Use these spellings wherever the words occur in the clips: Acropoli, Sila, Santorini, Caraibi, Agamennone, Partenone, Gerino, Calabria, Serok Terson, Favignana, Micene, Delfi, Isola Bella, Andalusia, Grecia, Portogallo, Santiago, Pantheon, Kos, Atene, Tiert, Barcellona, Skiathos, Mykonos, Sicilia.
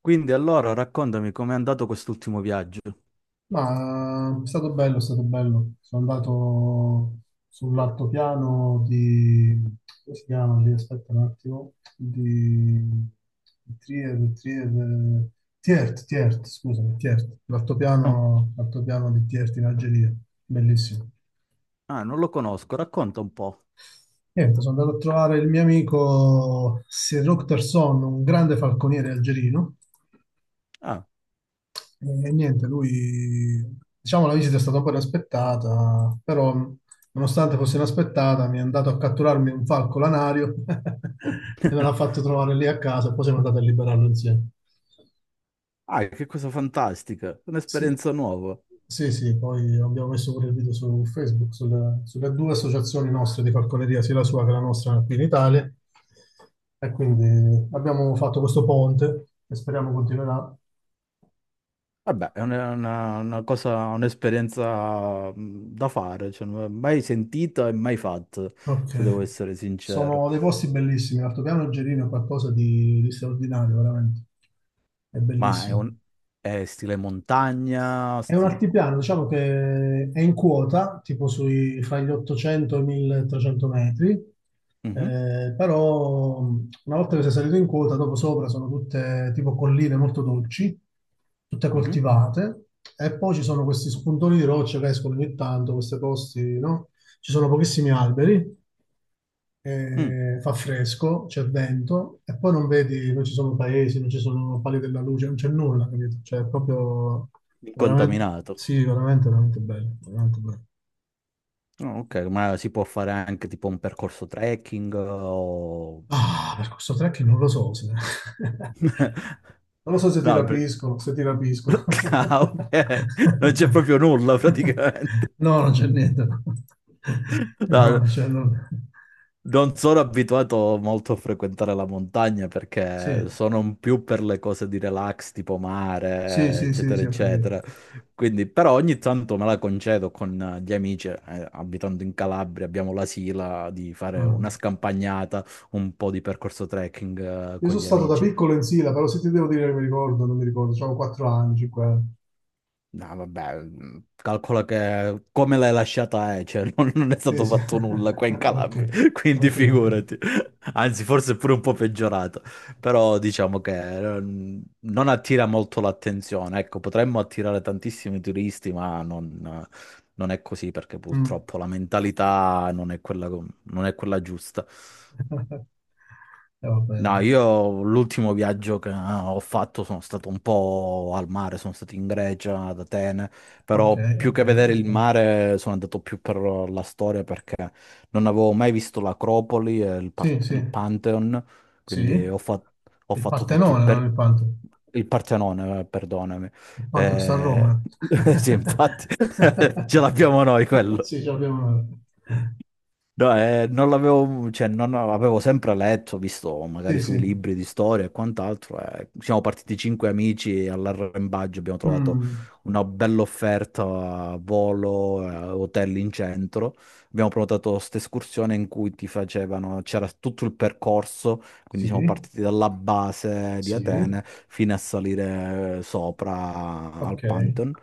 Quindi allora raccontami com'è andato quest'ultimo viaggio. Ma è stato bello, è stato bello. Sono andato sull'altopiano di, come si chiama lì? Aspetta un attimo. Di Tiert, Tiert, scusami, Tiert. Ah, L'altopiano di Tiert in Algeria. Bellissimo. ah, non lo conosco, racconta un po'. Niente, sono andato a trovare il mio amico Serok Terson, un grande falconiere algerino. Ah, E niente, lui, diciamo, la visita è stata poi aspettata, però nonostante fosse inaspettata, mi è andato a catturarmi un falco lanario e me l'ha fatto trovare lì a casa e poi siamo andati a liberarlo insieme. ah, che cosa fantastica, Sì, un'esperienza nuova. sì, sì, poi abbiamo messo pure il video su Facebook, sulle due associazioni nostre di falconeria, sia la sua che la nostra qui in Italia. E quindi abbiamo fatto questo ponte che speriamo continuerà. Vabbè, è una cosa, un'esperienza da fare, cioè, non l'ho mai sentita e mai fatta, se devo Ok. essere sincero. Sono dei posti bellissimi. L'altopiano Gerino è qualcosa di straordinario, veramente. È Ma bellissimo. È stile montagna, È un stile... altipiano, diciamo che è in quota, tipo sui, fra gli 800 e i 1300 metri, Mhm. Però una volta che sei salito in quota, dopo sopra sono tutte tipo colline molto dolci, tutte Mhm. coltivate, e poi ci sono questi spuntoni di roccia che escono ogni tanto, questi posti, no? Ci sono pochissimi alberi, Mm. Fa fresco, c'è vento e poi non vedi, non ci sono paesi, non ci sono pali della luce, non c'è nulla, capito? Cioè, è proprio veramente, Incontaminato. sì, veramente, veramente bello, veramente bello. Oh, ok, ma si può fare anche tipo un percorso trekking o... Ah, per questo trekking non lo so se. Non lo so se ti No, rapisco, se ti rapisco. ah, ok. Non c'è proprio nulla praticamente. No, non c'è niente. No. No, non c'è... non- non sono abituato molto a frequentare la montagna perché Sì, sono un più per le cose di relax, tipo sì, mare, sì, sì, eccetera, sì, ho capito. eccetera. Quindi, però ogni tanto me la concedo con gli amici, abitando in Calabria, abbiamo la sila di fare una Mm. scampagnata, un po' di percorso trekking, Io con sono gli stato da amici. piccolo in Sila, però se ti devo dire che mi ricordo, non mi ricordo, avevo 4 anni, 5 anni. No, vabbè, calcola che come l'hai lasciata è, cioè non, non è Sì, stato sì. fatto nulla qua in Ok, Calabria, quindi ok, ok. figurati. Anzi, forse è pure un po' peggiorata, però diciamo che non attira molto l'attenzione. Ecco, potremmo attirare tantissimi turisti, ma non è così perché Mm. purtroppo la mentalità non è quella, non è quella giusta. Vabbè, No, dai. io l'ultimo viaggio che ho fatto sono stato un po' al mare, sono stato in Grecia, ad Atene, Ok, però più ok, che vedere il ok. mare sono andato più per la storia perché non avevo mai visto l'Acropoli e il, Par- Sì, sì, il Pantheon, sì. quindi ho Il fatto tutto il, Partenone, non per- il Pantheon. il Partenone, perdonami. Il Pantheon sta a Eh, Roma. Sì, infatti, ce l'abbiamo noi quello. Sì, ci abbiamo. No, non l'avevo, cioè, non avevo sempre letto, visto Sì, magari sui sì. libri di storia e quant'altro. Siamo partiti cinque amici e all'arrembaggio abbiamo trovato Mm, una bella offerta a volo, hotel in centro. Abbiamo prenotato questa escursione in cui ti facevano, c'era tutto il percorso, quindi siamo sì, partiti dalla base di sì. Atene fino a salire sopra al Ok. Pantheon.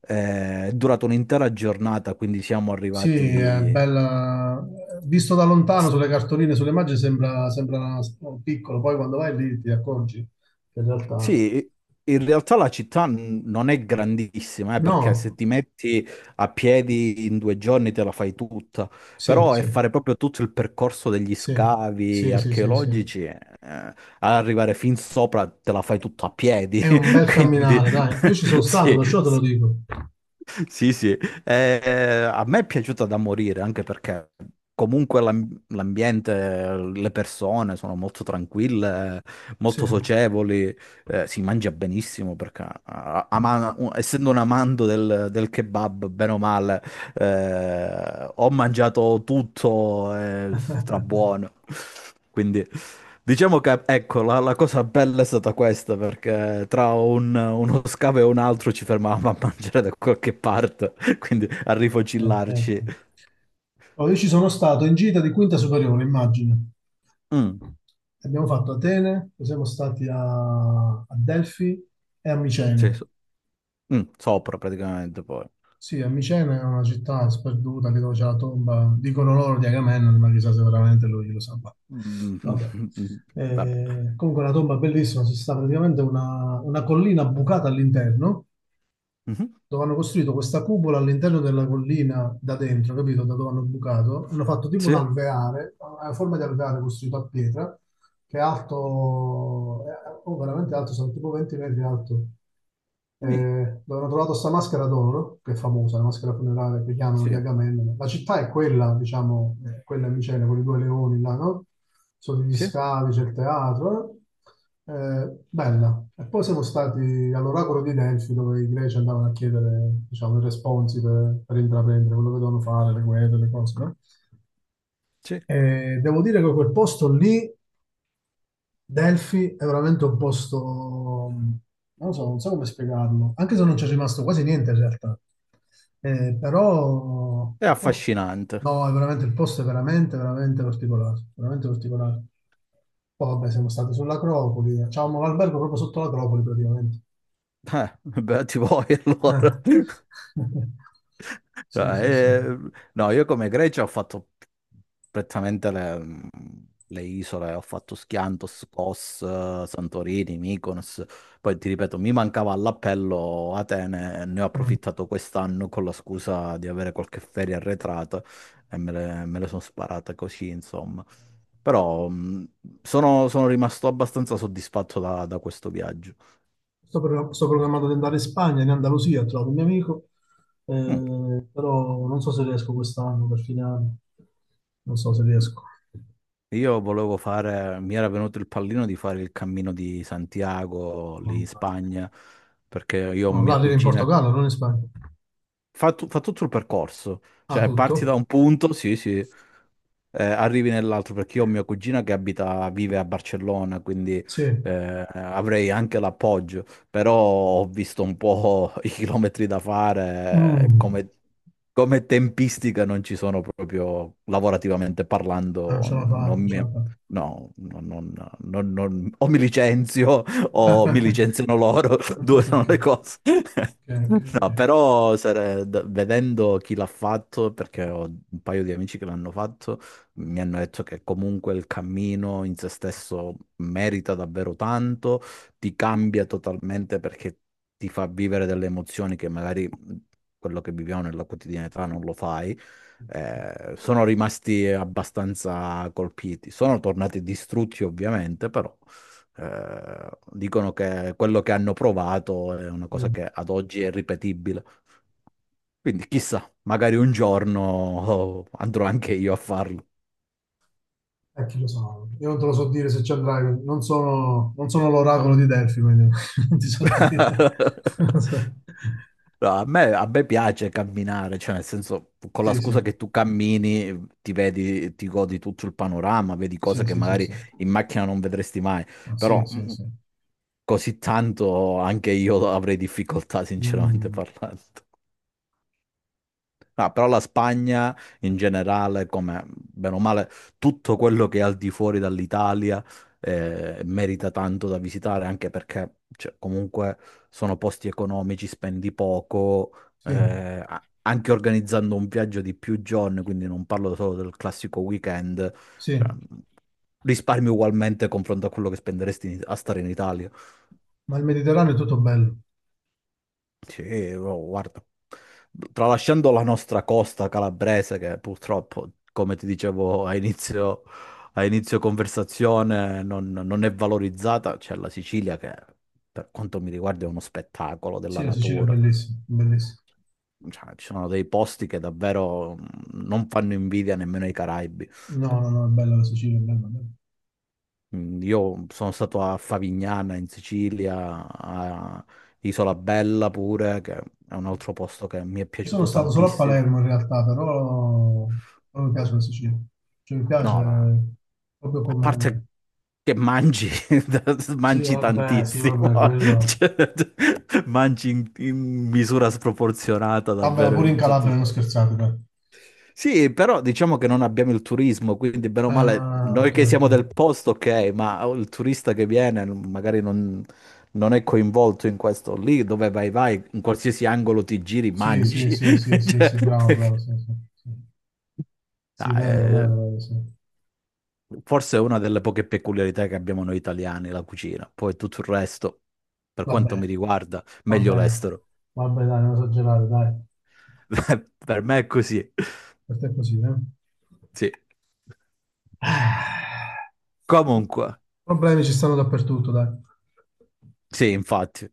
È durata un'intera giornata, quindi siamo Sì, è arrivati. bella. Visto da lontano sulle cartoline, sulle immagini sembra piccolo, poi quando vai lì ti accorgi che in realtà. Sì, in realtà la città non è grandissima, perché se No, ti metti a piedi in 2 giorni te la fai tutta, sì, però è sì, fare proprio tutto il percorso degli sì, scavi sì, sì, sì, sì. archeologici, ad arrivare fin sopra te la fai tutta a piedi, È un bel quindi camminare, dai. Io ci sono stato, sì, perciò te lo dico. sì, sì, Eh, a me è piaciuta da morire anche perché comunque l'ambiente, le persone sono molto tranquille, Sì. molto socievoli, si mangia benissimo perché essendo un amante del kebab, bene o male, ho mangiato tutto, è strabuono. Quindi diciamo che ecco, la cosa bella è stata questa, perché tra uno scavo e un altro ci fermavamo a mangiare da qualche parte, quindi a ok, rifocillarci. ok. Oh, io ci sono stato in gita di quinta superiore, immagino. Mm, Abbiamo fatto Atene, poi siamo stati a, a Delfi e a sì, Micene. Sopra praticamente poi. Sì, a Micena è una città sperduta, lì dove c'è la tomba, dicono loro di Agamennone, ma chissà se veramente lui lo sa. Vabbè. Mm. Vabbè. Comunque la tomba è bellissima, ci sta praticamente una collina bucata all'interno, Mhm. dove hanno costruito questa cupola all'interno della collina da dentro, capito? Da dove hanno bucato. Hanno fatto tipo un Sì, alveare, una forma di alveare costruito a pietra, che è alto, oh, veramente alto, sono tipo 20 metri alto. sì, Eh, dove hanno trovato sta maschera d'oro, no? Che è famosa, la maschera funeraria che chiamano di sì, Agamennone. La città è quella, diciamo, quella in Micene, con i due leoni là, no? Sono gli sì, scavi, c'è il teatro. Bella. E poi siamo stati all'oracolo di Delfi, dove i greci andavano a chiedere, diciamo, i responsi per intraprendere quello che dovevano fare, le guerre, le cose, no? sì. E devo dire che quel posto lì Delphi è veramente un posto, non lo so, non so come spiegarlo, anche se non ci è rimasto quasi niente in realtà. Però È il posto, affascinante. no, è veramente, il posto è veramente, veramente particolare, veramente particolare. Poi vabbè, siamo stati sull'Acropoli, avevamo l'albergo proprio sotto l'Acropoli praticamente. Beati voi Eh. allora. No, Sì, sì, sì. Mm. No, io come Grecia ho fatto prettamente le isole, ho fatto Skiathos, Kos, Santorini, Mykonos, poi ti ripeto, mi mancava all'appello Atene, e ne ho approfittato quest'anno con la scusa di avere qualche ferie arretrata e me le sono sparate così, insomma. Però sono rimasto abbastanza soddisfatto da questo viaggio. Sto programmato di andare in Spagna, in Andalusia, ho trovato un mio amico, Mm. Però non so se riesco quest'anno, per fine anno. Non so se riesco. Io volevo fare, mi era venuto il pallino di fare il cammino di Santiago lì in Mamma mia. Spagna, perché io ho No, là mia arrivo in cugina Portogallo, non in Spagna. fa tutto il percorso, Ah, cioè parti da tutto? un punto, sì, sì, arrivi nell'altro perché io ho mia cugina che abita, vive a Barcellona, quindi Sì. eh, avrei anche l'appoggio, però ho visto un po' i chilometri da fare, Mm. come, come tempistica non ci sono proprio, lavorativamente Ah, non parlando, ce la fa, non non ce mi... la fa. No, o mi licenzio o mi licenziano loro, Ok, due sono ok, le cose. ok, No, ok. però vedendo chi l'ha fatto, perché ho un paio di amici che l'hanno fatto, mi hanno detto che comunque il cammino in se stesso merita davvero tanto, ti cambia totalmente perché ti fa vivere delle emozioni che magari quello che viviamo nella quotidianità non lo fai. Sono rimasti abbastanza colpiti. Sono tornati distrutti, ovviamente, però. Dicono che quello che hanno provato è una cosa Mm. che ad oggi è ripetibile. Quindi chissà, magari un giorno andrò anche io a farlo. Chi lo sa, io non te lo so dire se ci andrai, non sono l'oracolo di Delfi, quindi non ti so dire. No, a me, piace camminare, cioè nel senso, con la Sì, sì, scusa che tu cammini, ti vedi, ti godi tutto il panorama, vedi cose sì, che sì, sì, magari sì. in macchina non vedresti mai, Ah, sì, però sì, sì. così tanto anche io avrei difficoltà, sinceramente Mm, parlando. No, però la Spagna in generale, come bene o male, tutto quello che è al di fuori dall'Italia merita tanto da visitare, anche perché cioè, comunque sono posti economici, spendi poco, sì, anche organizzando un viaggio di più giorni, quindi non parlo solo del classico weekend, cioè, sì, risparmi ugualmente confronto a quello che spenderesti in- a stare in Italia. ma il Mediterraneo è tutto bello. Sì, oh, guarda, tralasciando la nostra costa calabrese, che purtroppo, come ti dicevo a inizio conversazione, non è valorizzata, c'è la Sicilia che, per quanto mi riguarda, è uno spettacolo della Sì, la Sicilia è natura. bellissima, bellissima. Cioè, ci sono dei posti che davvero non fanno invidia nemmeno ai Caraibi. No, no, no, è bella la Sicilia, è bella, è bella. Mm. Io sono stato a Favignana, in Sicilia, a Isola Bella pure, che è un altro posto che mi è Io sono piaciuto stato solo a tantissimo. Palermo in realtà, però non mi piace la Sicilia. Cioè, mi piace No, proprio a come. parte che mangi, mangi Sì, tantissimo, vabbè, quello. cioè, mangi in misura sproporzionata Vabbè, ma davvero pure in in tutti i Calabria non sensi. scherzate, dai. Sì, però diciamo che non abbiamo il turismo, quindi bene o male Ah, noi ok, che ok. siamo del posto, ok, ma il turista che viene magari non è coinvolto in questo. Lì dove vai, vai, in qualsiasi angolo ti giri, Sì, sì, mangi. sì, sì, sì, Cioè, sì, bravo, bravo, sì, sì, sì. no, Sì, vero, vero, vero, sì. forse è una delle poche peculiarità che abbiamo noi italiani, la cucina. Poi tutto il resto, per quanto mi Vabbè, riguarda, meglio vabbè, l'estero. vabbè, dai, non esagerare, dai. Per me è così. Per te è così, eh? Sì. Ah, Comunque, problemi ci stanno dappertutto, dai. sì, infatti.